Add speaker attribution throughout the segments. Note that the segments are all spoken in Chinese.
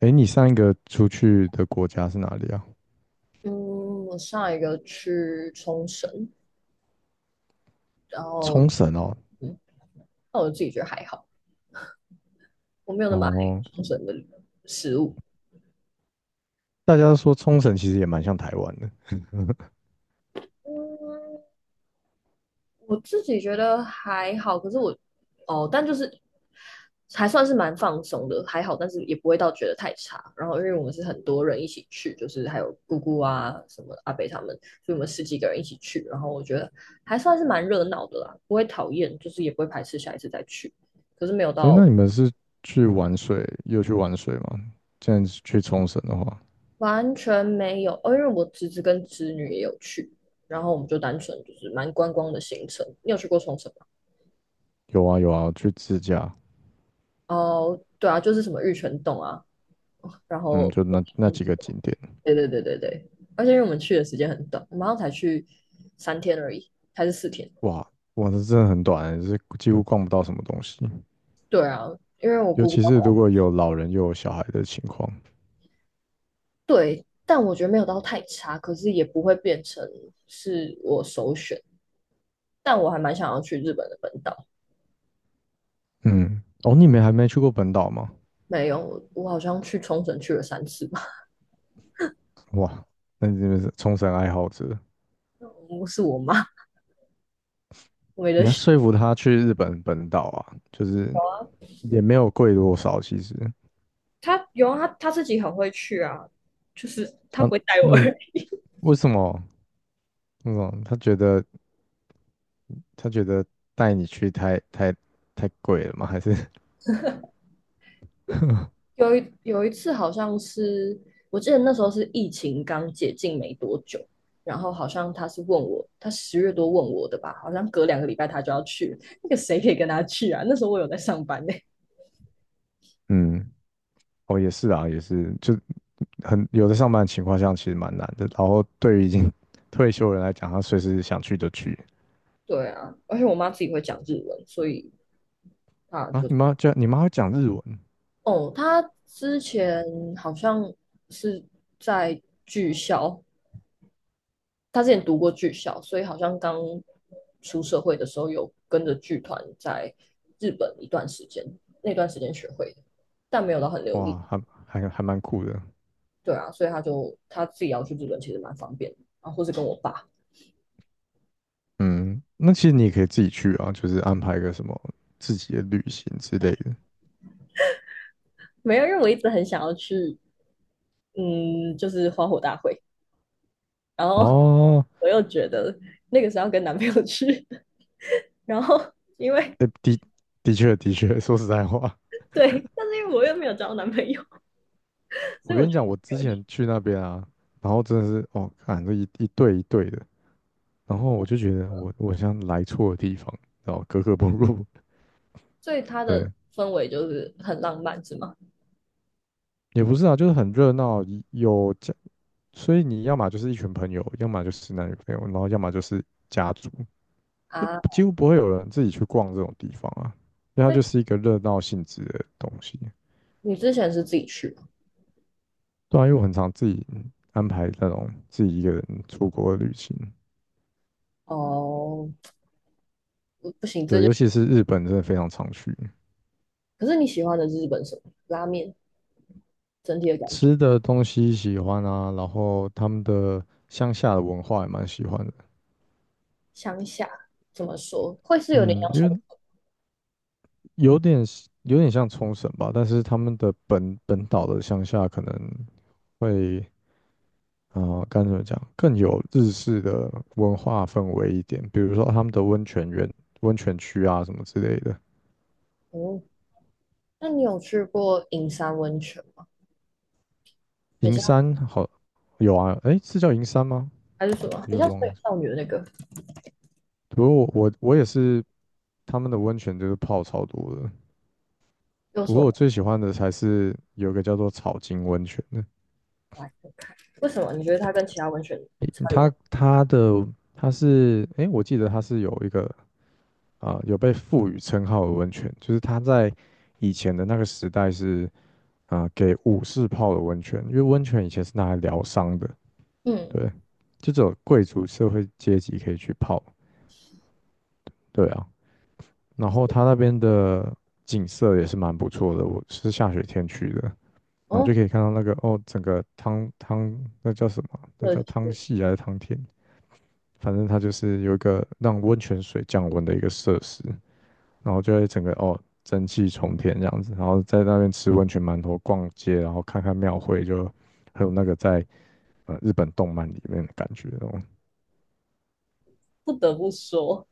Speaker 1: 诶，你上一个出去的国家是哪里啊？
Speaker 2: 嗯，我上一个去冲绳，然后
Speaker 1: 冲绳哦。
Speaker 2: 嗯，那我自己觉得还好，我没有那么爱
Speaker 1: 哦，
Speaker 2: 冲绳的食物。
Speaker 1: 大家都说冲绳其实也蛮像台湾的。
Speaker 2: 嗯，我自己觉得还好，可是但就是还算是蛮放松的，还好，但是也不会到觉得太差。然后因为我们是很多人一起去，就是还有姑姑啊、什么阿北他们，所以我们十几个人一起去，然后我觉得还算是蛮热闹的啦，不会讨厌，就是也不会排斥下一次再去，可是没有
Speaker 1: 诶，那
Speaker 2: 到
Speaker 1: 你们是去玩水，有去玩水吗？这样子去冲绳的话，
Speaker 2: 完全没有，哦，因为我侄子跟侄女也有去，然后我们就单纯就是蛮观光的行程。你有去过冲绳吗？
Speaker 1: 有啊有啊，去自驾。
Speaker 2: 哦，对啊，就是什么玉泉洞啊，然
Speaker 1: 嗯，
Speaker 2: 后，
Speaker 1: 就那
Speaker 2: 嗯
Speaker 1: 几个景点。
Speaker 2: 对，而且因为我们去的时间很短，我们好像才去三天而已，还是四天。
Speaker 1: 哇，哇，这真的很短欸，是几乎逛不到什么东西，
Speaker 2: 对啊，因为我
Speaker 1: 尤
Speaker 2: 姑姑
Speaker 1: 其是如果有老人又有小孩的情况。
Speaker 2: 对，但我觉得没有到太差，可是也不会变成是我首选。但我还蛮想要去日本的本岛，
Speaker 1: 嗯，哦，你们还没去过本岛吗？
Speaker 2: 没有，我好像去冲绳去了三次吧。
Speaker 1: 哇，那你们是冲绳爱好者。
Speaker 2: 是我妈为了
Speaker 1: 你要
Speaker 2: 学
Speaker 1: 说服他去日本本岛啊，就是也没有贵多少，其实。
Speaker 2: 他有啊他自己很会去啊，就是他
Speaker 1: 啊，
Speaker 2: 不会带我而
Speaker 1: 那
Speaker 2: 已。
Speaker 1: 为什么那种他觉得带你去太贵了吗？还是
Speaker 2: 有一次好像是，我记得那时候是疫情刚解禁没多久，然后好像他是问我，他十月多问我的吧，好像隔两个礼拜他就要去，那个谁可以跟他去啊？那时候我有在上班呢、
Speaker 1: 嗯，哦也是啊，也是，就很有的上班情况下其实蛮难的。然后对于已经 退休的人来讲，他随时想去就去
Speaker 2: 对啊，而且我妈自己会讲日文，所以她
Speaker 1: 啊。
Speaker 2: 就
Speaker 1: 你妈就，你妈会讲日文。
Speaker 2: 哦，他之前好像是在剧校他之前读过剧校，所以好像刚出社会的时候有跟着剧团在日本一段时间，那段时间学会的，但没有到很流
Speaker 1: 哇，
Speaker 2: 利。
Speaker 1: 还蛮酷的。
Speaker 2: 对啊，所以他自己要去日本，其实蛮方便的啊，或是跟我爸。
Speaker 1: 嗯，那其实你也可以自己去啊，就是安排个什么自己的旅行之类的。
Speaker 2: 没有，因为我一直很想要去，嗯，就是花火大会，然后
Speaker 1: 哦，
Speaker 2: 我又觉得那个是要跟男朋友去，然后因为
Speaker 1: 诶的的确的确，说实在话，
Speaker 2: 对，但是因为我又没有交男朋友，所
Speaker 1: 我
Speaker 2: 以我
Speaker 1: 跟你
Speaker 2: 就
Speaker 1: 讲，我之前去那边啊，然后真的是哦，看这一对一对的，然后我就觉得我像来错地方，然后格格不入。
Speaker 2: 所以他的
Speaker 1: 对，
Speaker 2: 氛围就是很浪漫，是吗？
Speaker 1: 也不是啊，就是很热闹，有家，所以你要么就是一群朋友，要么就是男女朋友，然后要么就是家族，就
Speaker 2: 啊，
Speaker 1: 几乎不会有人自己去逛这种地方啊，因为它
Speaker 2: 所以
Speaker 1: 就是一个热闹性质的东西。
Speaker 2: 你之前是自己去吗？
Speaker 1: 对啊，因为我很常自己安排那种自己一个人出国的旅行。
Speaker 2: 哦，不不行，这
Speaker 1: 对，
Speaker 2: 就
Speaker 1: 尤其是日本真的非常常去。
Speaker 2: 可是你喜欢的日本什么拉面整体的感觉？
Speaker 1: 吃的东西喜欢啊，然后他们的乡下的文化也蛮喜欢的。
Speaker 2: 乡下怎么说会是有点
Speaker 1: 嗯，
Speaker 2: 像
Speaker 1: 因
Speaker 2: 冲
Speaker 1: 为有点像冲绳吧，但是他们的本岛的乡下可能会。呃怎么讲，更有日式的文化氛围一点，比如说他们的温泉园、温泉区啊什么之类的。
Speaker 2: 重嗯，那你有去过银山温泉吗？很
Speaker 1: 银
Speaker 2: 像
Speaker 1: 山好。有啊，诶，是叫银山吗？
Speaker 2: 还是什么？
Speaker 1: 有
Speaker 2: 很
Speaker 1: 点
Speaker 2: 像水
Speaker 1: 忘了。
Speaker 2: 少女的那个
Speaker 1: 不过我也是，他们的温泉就是泡超多的。
Speaker 2: 又
Speaker 1: 不
Speaker 2: 是
Speaker 1: 过我
Speaker 2: 我
Speaker 1: 最喜欢的才是有一个叫做草金温泉的。
Speaker 2: 来？为什么你觉得它跟其他温泉差别大？
Speaker 1: 它它的它是，诶，我记得它是有一个有被赋予称号的温泉，就是它在以前的那个时代是给武士泡的温泉，因为温泉以前是拿来疗伤的。
Speaker 2: 嗯，
Speaker 1: 对，就只有贵族社会阶级可以去泡，对啊。然后它那边的景色也是蛮不错的，我是下雪天去的。然后就
Speaker 2: 哦，
Speaker 1: 可以看到那个哦，整个汤那叫什么？那
Speaker 2: 有
Speaker 1: 叫汤
Speaker 2: 趣。
Speaker 1: 系还是汤田？反正它就是有一个让温泉水降温的一个设施，然后就会整个哦蒸汽冲天这样子，然后在那边吃温泉馒头、逛街，然后看看庙会，就很有那个在日本动漫里面的感觉哦。
Speaker 2: 不得不说，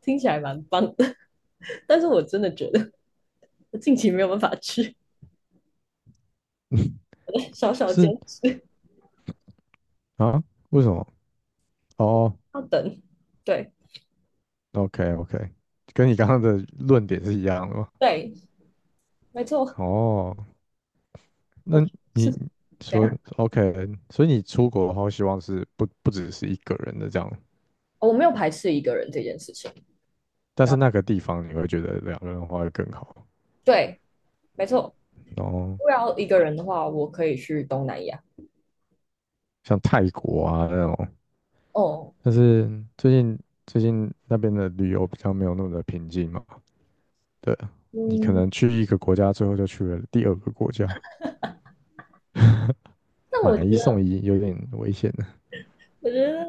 Speaker 2: 听起来蛮棒的，但是我真的觉得我近期没有办法去。小小坚
Speaker 1: 是
Speaker 2: 持
Speaker 1: 啊？为什么？哦
Speaker 2: 要等。对
Speaker 1: ，OK OK，跟你刚刚的论点是一样的吗？
Speaker 2: 对，没错。
Speaker 1: 哦。
Speaker 2: 我
Speaker 1: 那
Speaker 2: 是
Speaker 1: 你
Speaker 2: 怎
Speaker 1: 说
Speaker 2: 样？
Speaker 1: OK，所以你出国的话，希望是不只是一个人的这样，
Speaker 2: 哦，我没有排斥一个人这件事情。
Speaker 1: 但
Speaker 2: 然
Speaker 1: 是
Speaker 2: 后
Speaker 1: 那个地方你会觉得两个人的话会更好。
Speaker 2: 对，没错，
Speaker 1: 然后
Speaker 2: 我要一个人的话，我可以去东南亚。
Speaker 1: 像泰国啊那种，
Speaker 2: 哦，
Speaker 1: 但是最近最近那边的旅游比较没有那么的平静嘛。对，你可
Speaker 2: 嗯，
Speaker 1: 能去一个国家，最后就去了第二个国家，
Speaker 2: 那我
Speaker 1: 买
Speaker 2: 觉
Speaker 1: 一
Speaker 2: 得，
Speaker 1: 送一有点危险的。
Speaker 2: 我觉得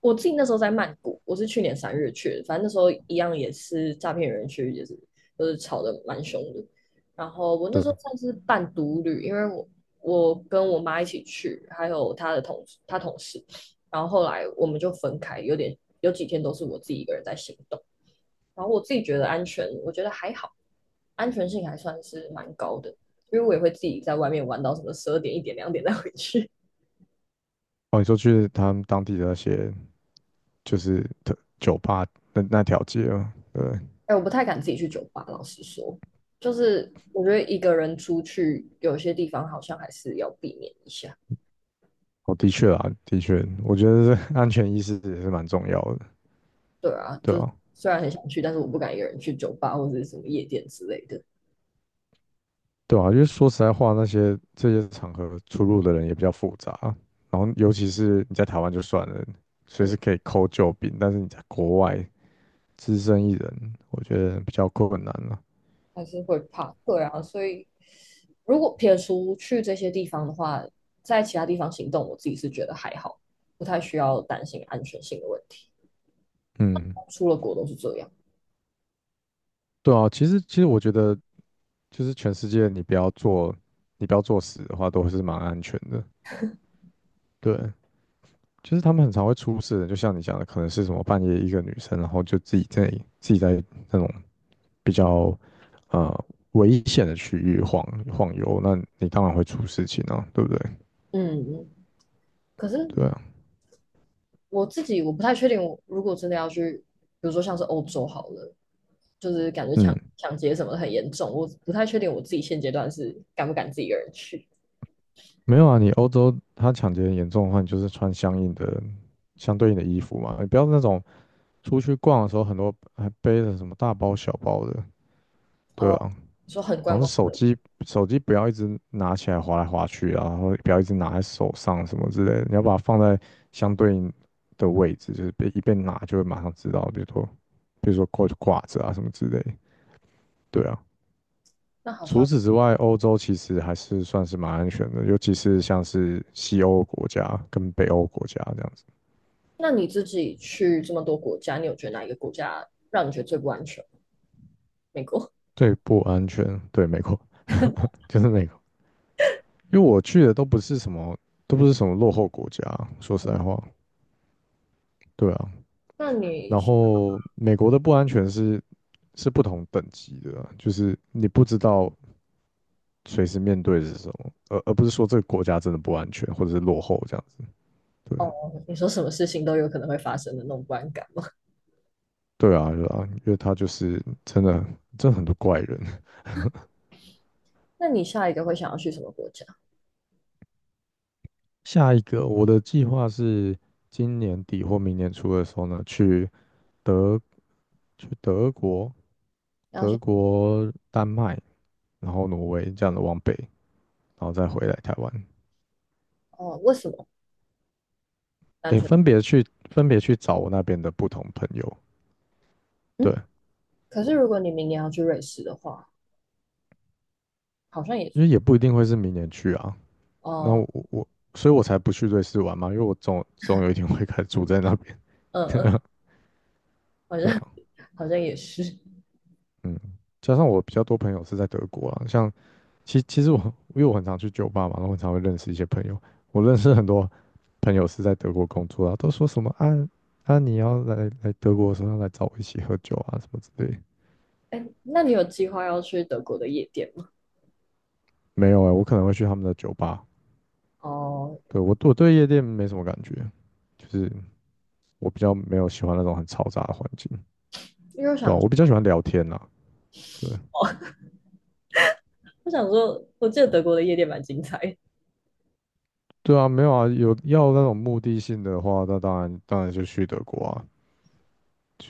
Speaker 2: 我自己那时候在曼谷，我是去年三月去的，反正那时候一样也是诈骗园区，也是就是吵得蛮凶的。然后我那
Speaker 1: 对，
Speaker 2: 时候算是半独旅，因为我我跟我妈一起去，还有她同事，然后后来我们就分开，有点有几天都是我自己一个人在行动。然后我自己觉得安全，我觉得还好，安全性还算是蛮高的，因为我也会自己在外面玩到什么十二点、一点、两点再回去。
Speaker 1: 哦，你说去他们当地的那些就是特酒吧那条街嘛，对。
Speaker 2: 哎，我不太敢自己去酒吧，老实说，就是我觉得一个人出去，有些地方好像还是要避免一下。
Speaker 1: 哦，的确啊，的确，我觉得这 安全意识也是蛮重要的。
Speaker 2: 对啊，
Speaker 1: 对
Speaker 2: 就是
Speaker 1: 啊，
Speaker 2: 虽然很想去，但是我不敢一个人去酒吧或者是什么夜店之类的。
Speaker 1: 对啊，因为说实在话，那些这些场合出入的人也比较复杂，然后尤其是你在台湾就算了，随时
Speaker 2: 嗯，
Speaker 1: 可以扣救兵，但是你在国外只身一人，我觉得比较困难了。
Speaker 2: 还是会怕，对啊，所以如果撇除去这些地方的话，在其他地方行动，我自己是觉得还好，不太需要担心安全性的问题。
Speaker 1: 嗯，
Speaker 2: 出了国都是这样，
Speaker 1: 对啊，其实我觉得就是全世界你不要做，你不要作死的话，都是蛮安全的。对，就是他们很常会出事的，就像你讲的，可能是什么半夜一个女生，然后就自己在那种比较呃危险的区域晃悠，那你当然会出事情啊，对不对？
Speaker 2: 嗯，可是
Speaker 1: 对啊。
Speaker 2: 我自己我不太确定，我如果真的要去，比如说像是欧洲好了，就是感觉
Speaker 1: 嗯，
Speaker 2: 抢劫什么的很严重，我不太确定我自己现阶段是敢不敢自己一个人去。
Speaker 1: 没有啊，你欧洲他抢劫严重的话，你就是穿相对应的衣服嘛，你不要那种出去逛的时候很多还背着什么大包小包的。对
Speaker 2: 哦，
Speaker 1: 啊，
Speaker 2: 你说很
Speaker 1: 然
Speaker 2: 观
Speaker 1: 后
Speaker 2: 光，
Speaker 1: 手机不要一直拿起来滑来滑去啊，然后不要一直拿在手上什么之类的，你要把它放在相对应的位置，就是被拿就会马上知道，比如说挂着啊什么之类的，对啊。
Speaker 2: 那好
Speaker 1: 除
Speaker 2: 像，
Speaker 1: 此之外，欧洲其实还是算是蛮安全的，尤其是像是西欧国家跟北欧国家这样子。
Speaker 2: 那你自己去这么多国家，你有觉得哪一个国家让你觉得最不安全？美国？
Speaker 1: 最不安全，对，美国 就是美国，因为我去的都不是什么，都不是什么落后国家，说实在话，对啊。
Speaker 2: 那你
Speaker 1: 然后美国的不安全是是不同等级的啊就是你不知道随时面对的是什么，而不是说这个国家真的不安全或者是落后这样子。对。
Speaker 2: 哦，你说什么事情都有可能会发生的那种不安感吗？
Speaker 1: 对啊，对啊，因为他就是真的很多怪人。
Speaker 2: 那你下一个会想要去什么国家？
Speaker 1: 下一个，我的计划是今年底或明年初的时候呢，去德去德国、
Speaker 2: 然后
Speaker 1: 德
Speaker 2: 是
Speaker 1: 国、丹麦，然后挪威这样的往北，然后再回来台湾。
Speaker 2: 哦，为什么？单
Speaker 1: 也
Speaker 2: 纯
Speaker 1: 分别去分别去找我那边的不同朋友。对，
Speaker 2: 嗯，可是如果你明年要去瑞士的话，好像也是
Speaker 1: 因为也不一定会是明年去啊。那
Speaker 2: 哦，
Speaker 1: 我我，所以我才不去瑞士玩嘛，因为我总有一天会开始住在那边。
Speaker 2: 嗯嗯，好
Speaker 1: 对
Speaker 2: 像。
Speaker 1: 啊。
Speaker 2: 好像也是。
Speaker 1: 嗯，加上我比较多朋友是在德国啊，像其实我因为我很常去酒吧嘛，然后很常会认识一些朋友。我认识很多朋友是在德国工作啊，都说什么啊啊你要来德国的时候要来找我一起喝酒啊什么之类的。
Speaker 2: 哎，那你有计划要去德国的夜店吗？
Speaker 1: 没有哎、我可能会去他们的酒吧。
Speaker 2: 哦，
Speaker 1: 对，我我对夜店没什么感觉，就是我比较没有喜欢那种很嘈杂的环境。
Speaker 2: 因为我
Speaker 1: 对啊，
Speaker 2: 想
Speaker 1: 我比较喜欢聊天啦。对，
Speaker 2: 我想说，我记得德国的夜店蛮精彩的，
Speaker 1: 对啊，没有啊，有要那种目的性的话，那当然就去德国啊，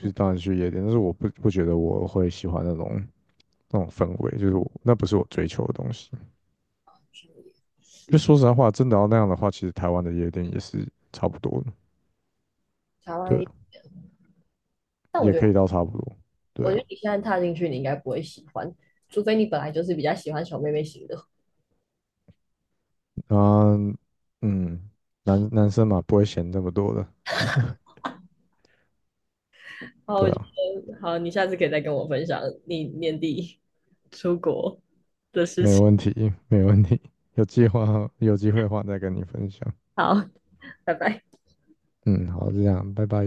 Speaker 2: 嗯，
Speaker 1: 当然去夜店。但是我不觉得我会喜欢那种氛围，就是我那不是我追求的东西。
Speaker 2: 是
Speaker 1: 就说实在话，真的要那样的话，其实台湾的夜店也是差不多的。
Speaker 2: 台
Speaker 1: 对
Speaker 2: 湾，
Speaker 1: 啊，
Speaker 2: 但我
Speaker 1: 也
Speaker 2: 觉
Speaker 1: 可以
Speaker 2: 得
Speaker 1: 到差不多，对
Speaker 2: 我觉得
Speaker 1: 啊。
Speaker 2: 你现在踏进去，你应该不会喜欢，除非你本来就是比较喜欢小妹妹型的。
Speaker 1: 嗯嗯，男生嘛不会嫌这么多的，
Speaker 2: 好，
Speaker 1: 对
Speaker 2: 我觉
Speaker 1: 啊。
Speaker 2: 得好，你下次可以再跟我分享你年底出国的事
Speaker 1: 没
Speaker 2: 情。
Speaker 1: 问题，没问题，有计划有机会的话再跟你分享。
Speaker 2: 好，拜拜。
Speaker 1: 嗯，好，就这样，拜拜。